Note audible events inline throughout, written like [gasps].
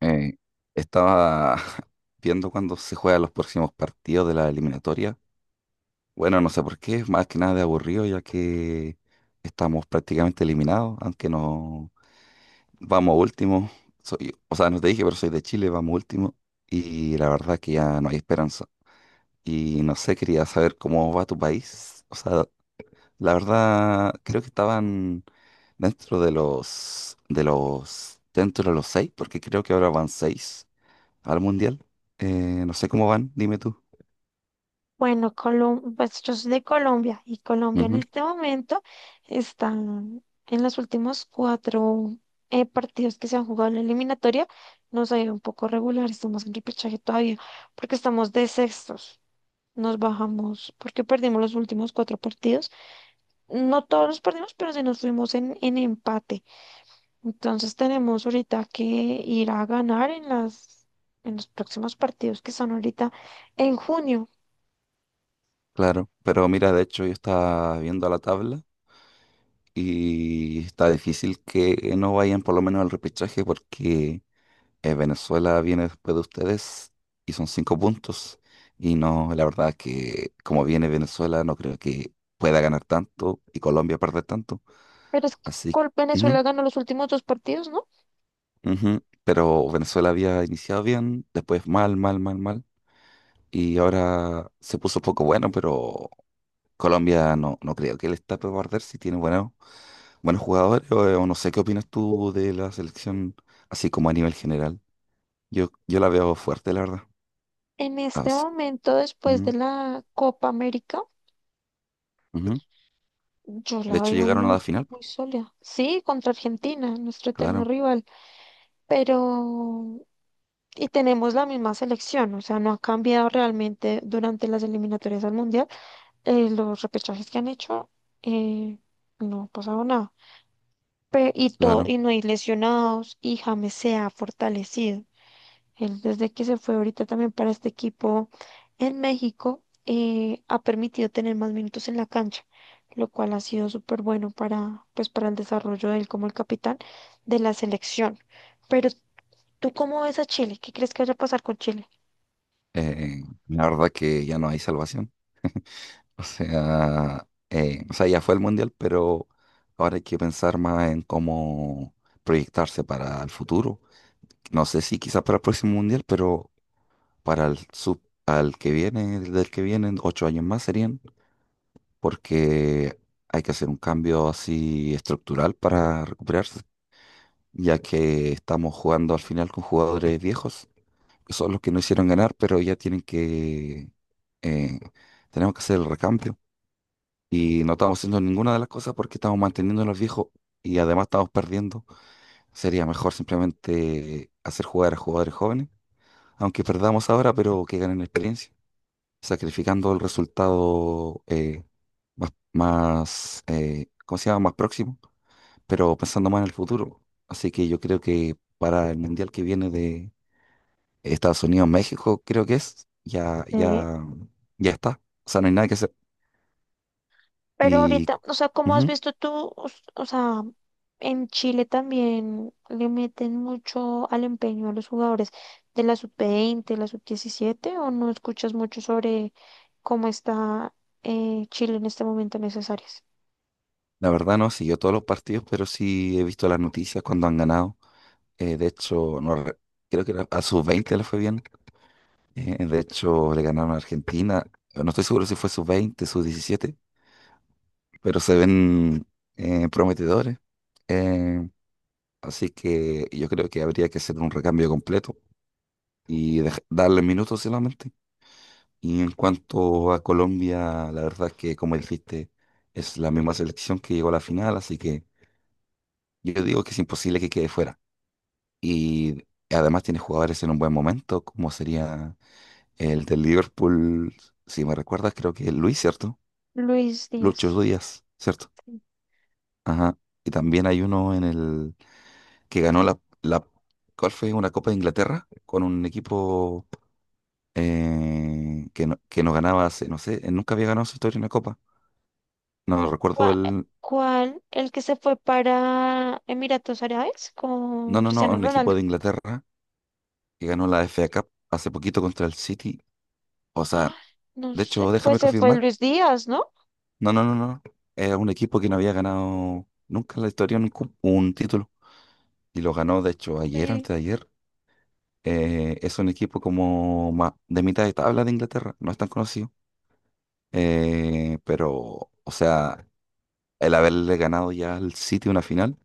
Eh, estaba [laughs] viendo cuándo se juegan los próximos partidos de la eliminatoria. Bueno, no sé por qué, más que nada de aburrido, ya que estamos prácticamente eliminados, aunque no vamos último. Soy, o sea, no te dije, pero soy de Chile, vamos último. Y la verdad que ya no hay esperanza. Y no sé, quería saber cómo va tu país. O sea, la verdad, creo que estaban dentro de dentro de los seis, porque creo que ahora van seis al mundial. No sé cómo van, dime tú. Bueno, pues yo soy de Colombia y Colombia en Ujú. este momento está en los últimos cuatro partidos que se han jugado en la eliminatoria. Nos ha ido un poco regular, estamos en repechaje todavía porque estamos de sextos. Nos bajamos porque perdimos los últimos cuatro partidos. No todos los perdimos, pero sí nos fuimos en empate. Entonces tenemos ahorita que ir a ganar en en los próximos partidos que son ahorita en junio. Claro, pero mira, de hecho yo estaba viendo la tabla y está difícil que no vayan por lo menos al repechaje porque Venezuela viene después de ustedes y son cinco puntos. Y no, la verdad que como viene Venezuela no creo que pueda ganar tanto y Colombia perder tanto. Pero es que Así, ujú, Venezuela ganó los últimos dos partidos, ¿no? ujú. Pero Venezuela había iniciado bien, después mal, mal, mal, mal. Y ahora se puso poco bueno, pero Colombia no, no creo que le está para guardar si tiene buenos, buenos jugadores o no sé qué opinas tú de la selección así como a nivel general. Yo la veo fuerte, la verdad. En Ah, este momento, después de ujú, la Copa América, ujú. yo De la hecho, veo llegaron a la final. muy sólida. Sí, contra Argentina, nuestro eterno Claro, rival, pero... Y tenemos la misma selección, o sea, no ha cambiado realmente durante las eliminatorias al Mundial. Los repechajes que han hecho, eh, no ha pasado nada. Y claro. no hay lesionados, y James se ha fortalecido. Él desde que se fue ahorita también para este equipo en México, ha permitido tener más minutos en la cancha, lo cual ha sido súper bueno para, pues, para el desarrollo de él como el capitán de la selección. Pero, ¿tú cómo ves a Chile? ¿Qué crees que vaya a pasar con Chile? La verdad que ya no hay salvación. O sea, ya fue el mundial, pero ahora hay que pensar más en cómo proyectarse para el futuro. No sé si quizás para el próximo mundial, pero para el sub, al que viene, del que vienen, 8 años más serían, porque hay que hacer un cambio así estructural para recuperarse, ya que estamos jugando al final con jugadores viejos, que son los que no hicieron ganar, pero ya eh, tenemos que hacer el recambio. Y no estamos haciendo ninguna de las cosas porque estamos manteniendo a los viejos y además estamos perdiendo. Sería mejor simplemente hacer jugar a jugadores jóvenes, aunque perdamos ahora, pero que ganen experiencia. Sacrificando el resultado más, más ¿cómo se llama? Más próximo, pero pensando más en el futuro. Así que yo creo que para el mundial que viene de Estados Unidos, México, creo que es, ya, Sí. ya, ya está. O sea, no hay nada que hacer. Pero Y ahorita, o sea, como has ujú, visto tú, o sea, en Chile también le meten mucho al empeño a los jugadores de la sub-20, la sub-17, o no escuchas mucho sobre cómo está Chile en este momento en esas áreas. la verdad no he seguido todos los partidos, pero sí he visto las noticias cuando han ganado. De hecho, no, creo que a sus 20 le fue bien. De hecho, le ganaron a Argentina. No estoy seguro si fue sub-20 sub-17 pero se ven prometedores. Eh, así que yo creo que habría que hacer un recambio completo y darle minutos solamente. Y en cuanto a Colombia, la verdad es que, como dijiste, es la misma selección que llegó a la final, así que yo digo que es imposible que quede fuera. Y además tiene jugadores en un buen momento, como sería el del Liverpool, si me recuerdas, creo que es Luis, ¿cierto? Luis Díaz, Lucho Díaz, ¿cierto? Ajá. Y también hay uno en el que ganó la, ¿cuál fue? Una Copa de Inglaterra con un equipo que no ganaba hace, no sé, nunca había ganado en su historia una copa. No recuerdo ¿cuál, el. ¿cuál el que se fue para Emiratos Árabes No, con no, no, Cristiano un equipo Ronaldo? de [gasps] Inglaterra que ganó la FA Cup hace poquito contra el City. O sea, Ah, no de sé, hecho, pues déjame se fue confirmar. Luis Díaz, ¿no? No, no, no, no. Era un equipo que no había ganado nunca en la historia un título. Y lo ganó, de hecho, ayer o Sí. antes de ayer. Es un equipo como de mitad de tabla de Inglaterra. No es tan conocido. Pero, o sea, el haberle ganado ya al City una final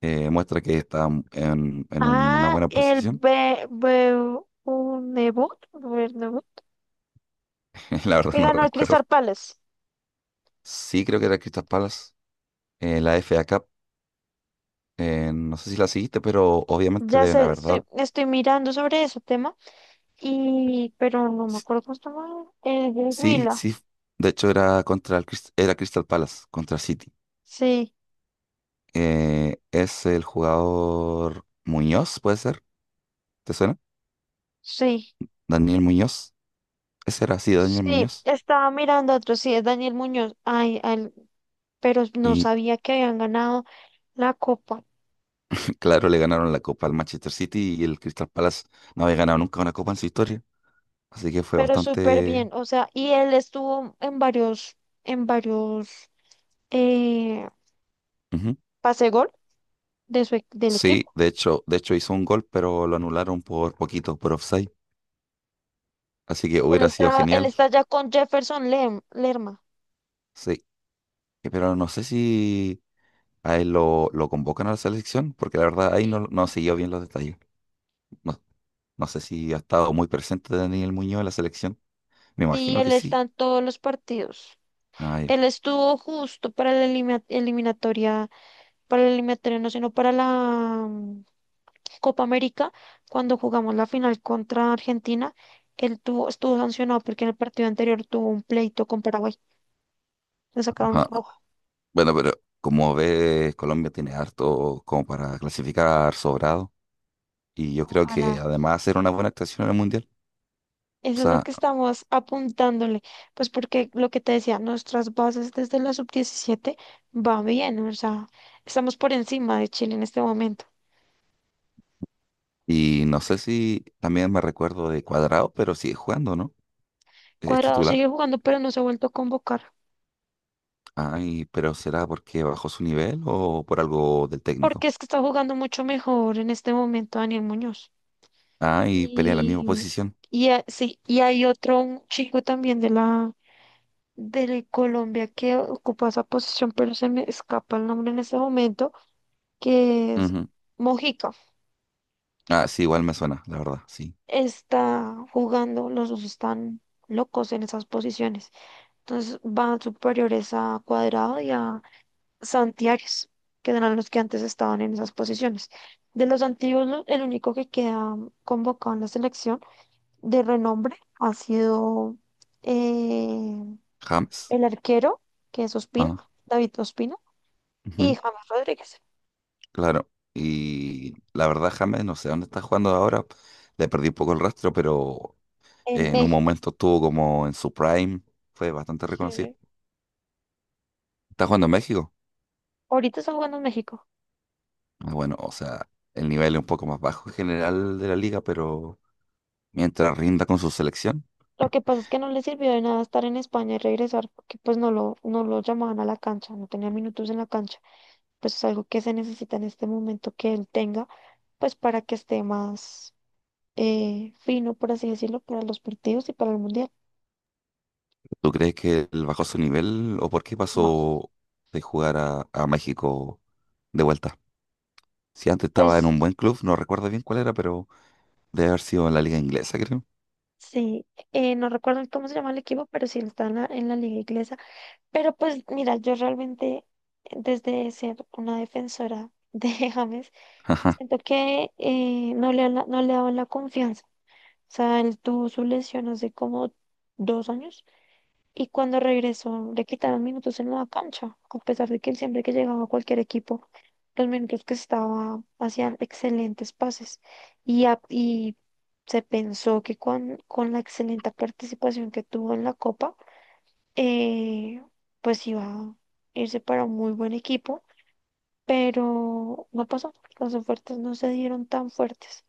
muestra que está en una Ah, buena el posición. Be Bernabéu, Bernabéu [laughs] La verdad que no ganó el recuerdo. Crystal Palace. Sí, creo que era Crystal Palace, la FA Cup. No sé si la seguiste, pero obviamente Ya deben sé, haber dado. estoy mirando sobre ese tema, y, pero no me acuerdo cómo se llama. El del Sí, Huila. sí. De hecho, era contra el era Crystal Palace, contra City. Sí, Es el jugador Muñoz, ¿puede ser? ¿Te suena? sí, Daniel Muñoz. Ese era, sí, Daniel sí. Muñoz. Estaba mirando otro, sí, es Daniel Muñoz. Pero no sabía que habían ganado la copa. Claro, le ganaron la copa al Manchester City y el Crystal Palace no había ganado nunca una copa en su historia. Así que fue Pero súper bastante. bien, o sea, y él estuvo en varios, eh, Ujú. pase gol de del Sí, equipo. de hecho, hizo un gol, pero lo anularon por poquito, por offside. Así que hubiera sido Él genial. está ya con Jefferson Lerma. Sí, Pero no sé si a él lo convocan a la selección, porque la verdad ahí no, Sí. no siguió bien los detalles. No, no sé si ha estado muy presente Daniel Muñoz en la selección. Me Sí, imagino él que sí. está en todos los partidos. Ah, ya. Él estuvo justo para la eliminatoria, para la eliminatoria, no, sino para la Copa América, cuando jugamos la final contra Argentina. Estuvo sancionado porque en el partido anterior tuvo un pleito con Paraguay. Le sacaron Ajá. roja. Bueno, pero como ves, Colombia tiene harto como para clasificar sobrado. Y yo creo que Ojalá. además era una buena actuación en el Mundial. O Eso es lo sea, que estamos apuntándole, pues porque lo que te decía, nuestras bases desde la sub-17 va bien, o sea, estamos por encima de Chile en este momento. y no sé si también me recuerdo de Cuadrado, pero sigue jugando, ¿no? Es Cuadrado titular. sigue jugando, pero no se ha vuelto a convocar, Ay, pero ¿será porque bajó su nivel o por algo del porque técnico? es que está jugando mucho mejor en este momento Daniel Muñoz. Ah, y pelea en la misma Y, posición. Sí, y hay otro un chico también de la de Colombia que ocupa esa posición, pero se me escapa el nombre en este momento, que es Ujú. Mojica. Ah, sí, igual me suena, la verdad, sí. Está jugando, los dos están locos en esas posiciones. Entonces van superiores a Cuadrado y a Santiares, que eran los que antes estaban en esas posiciones. De los antiguos, el único que queda convocado en la selección de renombre ha sido eh, James. el arquero, que es Ospina, Ah, David Ospina, y ujú, James Rodríguez claro. Y la verdad, James, no sé dónde está jugando ahora. Le perdí un poco el rastro, pero en en un México. momento estuvo como en su prime. Fue bastante reconocido. Sí. ¿Está jugando en México? Ahorita está jugando en México. Ah, bueno, o sea, el nivel es un poco más bajo en general de la liga, pero mientras rinda con su selección, Lo que pasa es que no le sirvió de nada estar en España y regresar porque pues no lo llamaban a la cancha, no tenía minutos en la cancha. Pues es algo que se necesita en este momento que él tenga, pues para que esté más fino, por así decirlo, para los partidos y para el Mundial. ¿tú crees que él bajó su nivel o por qué No, pasó de jugar a México de vuelta? Si antes estaba en pues un buen club, no recuerdo bien cuál era, pero debe haber sido en la liga inglesa, creo. sí, no recuerdo cómo se llama el equipo, pero sí está en en la liga inglesa. Pero pues mira, yo realmente desde ser una defensora de [laughs] James, [laughs] Ajá, siento que no le no le daban la confianza sea, él tuvo su lesión hace como 2 años y cuando regresó le quitaron minutos en la cancha, a pesar de que él siempre que llegaba a cualquier equipo, los minutos que estaba hacían excelentes pases y se pensó que con la excelente participación que tuvo en la Copa, eh, pues iba a irse para un muy buen equipo, pero no pasó, las ofertas no se dieron tan fuertes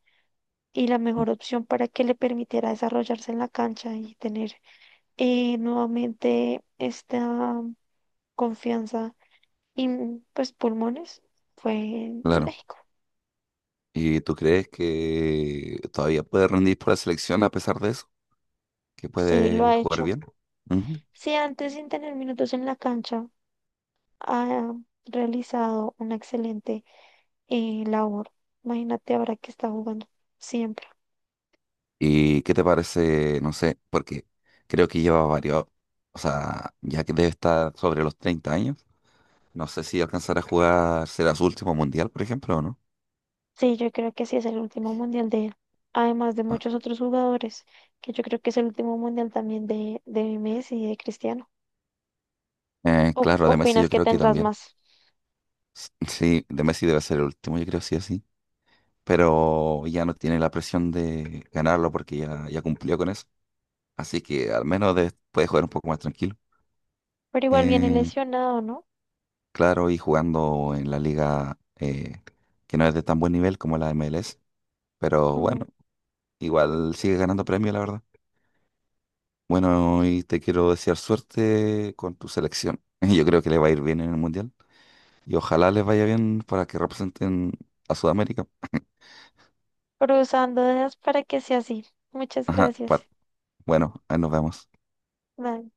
y la mejor opción para que le permitiera desarrollarse en la cancha y tener nuevamente esta confianza y pues pulmones fue en claro. México. ¿Y tú crees que todavía puede rendir por la selección a pesar de eso? ¿Que Sí, lo puede ha jugar hecho. bien? Ujú. Si antes sin tener minutos en la cancha ha realizado una excelente labor, imagínate ahora que está jugando siempre. ¿Y qué te parece? No sé, porque creo que lleva varios, o sea, ya que debe estar sobre los 30 años, no sé si alcanzará a jugar, será su último mundial, por ejemplo, o no. Sí, yo creo que sí es el último mundial de él. Además de Ah, muchos otros jugadores, que yo creo que es el último mundial también de Messi y de Cristiano. ¿O claro, de Messi yo opinas que creo que tendrás también. más? Sí, de Messi debe ser el último, yo creo sí o sí. Pero ya no tiene la presión de ganarlo porque ya cumplió con eso. Así que al menos puede jugar un poco más tranquilo. Pero igual viene Eh, lesionado, ¿no? claro, y jugando en la liga que no es de tan buen nivel como la MLS. Pero Mm, bueno. Igual sigue ganando premios la verdad. Bueno, y te quiero desear suerte con tu selección. [laughs] Yo creo que le va a ir bien en el Mundial. Y ojalá les vaya bien para que representen a Sudamérica. cruzándolas para que sea así. Muchas Ajá, gracias. bueno, ahí nos vemos. Bye.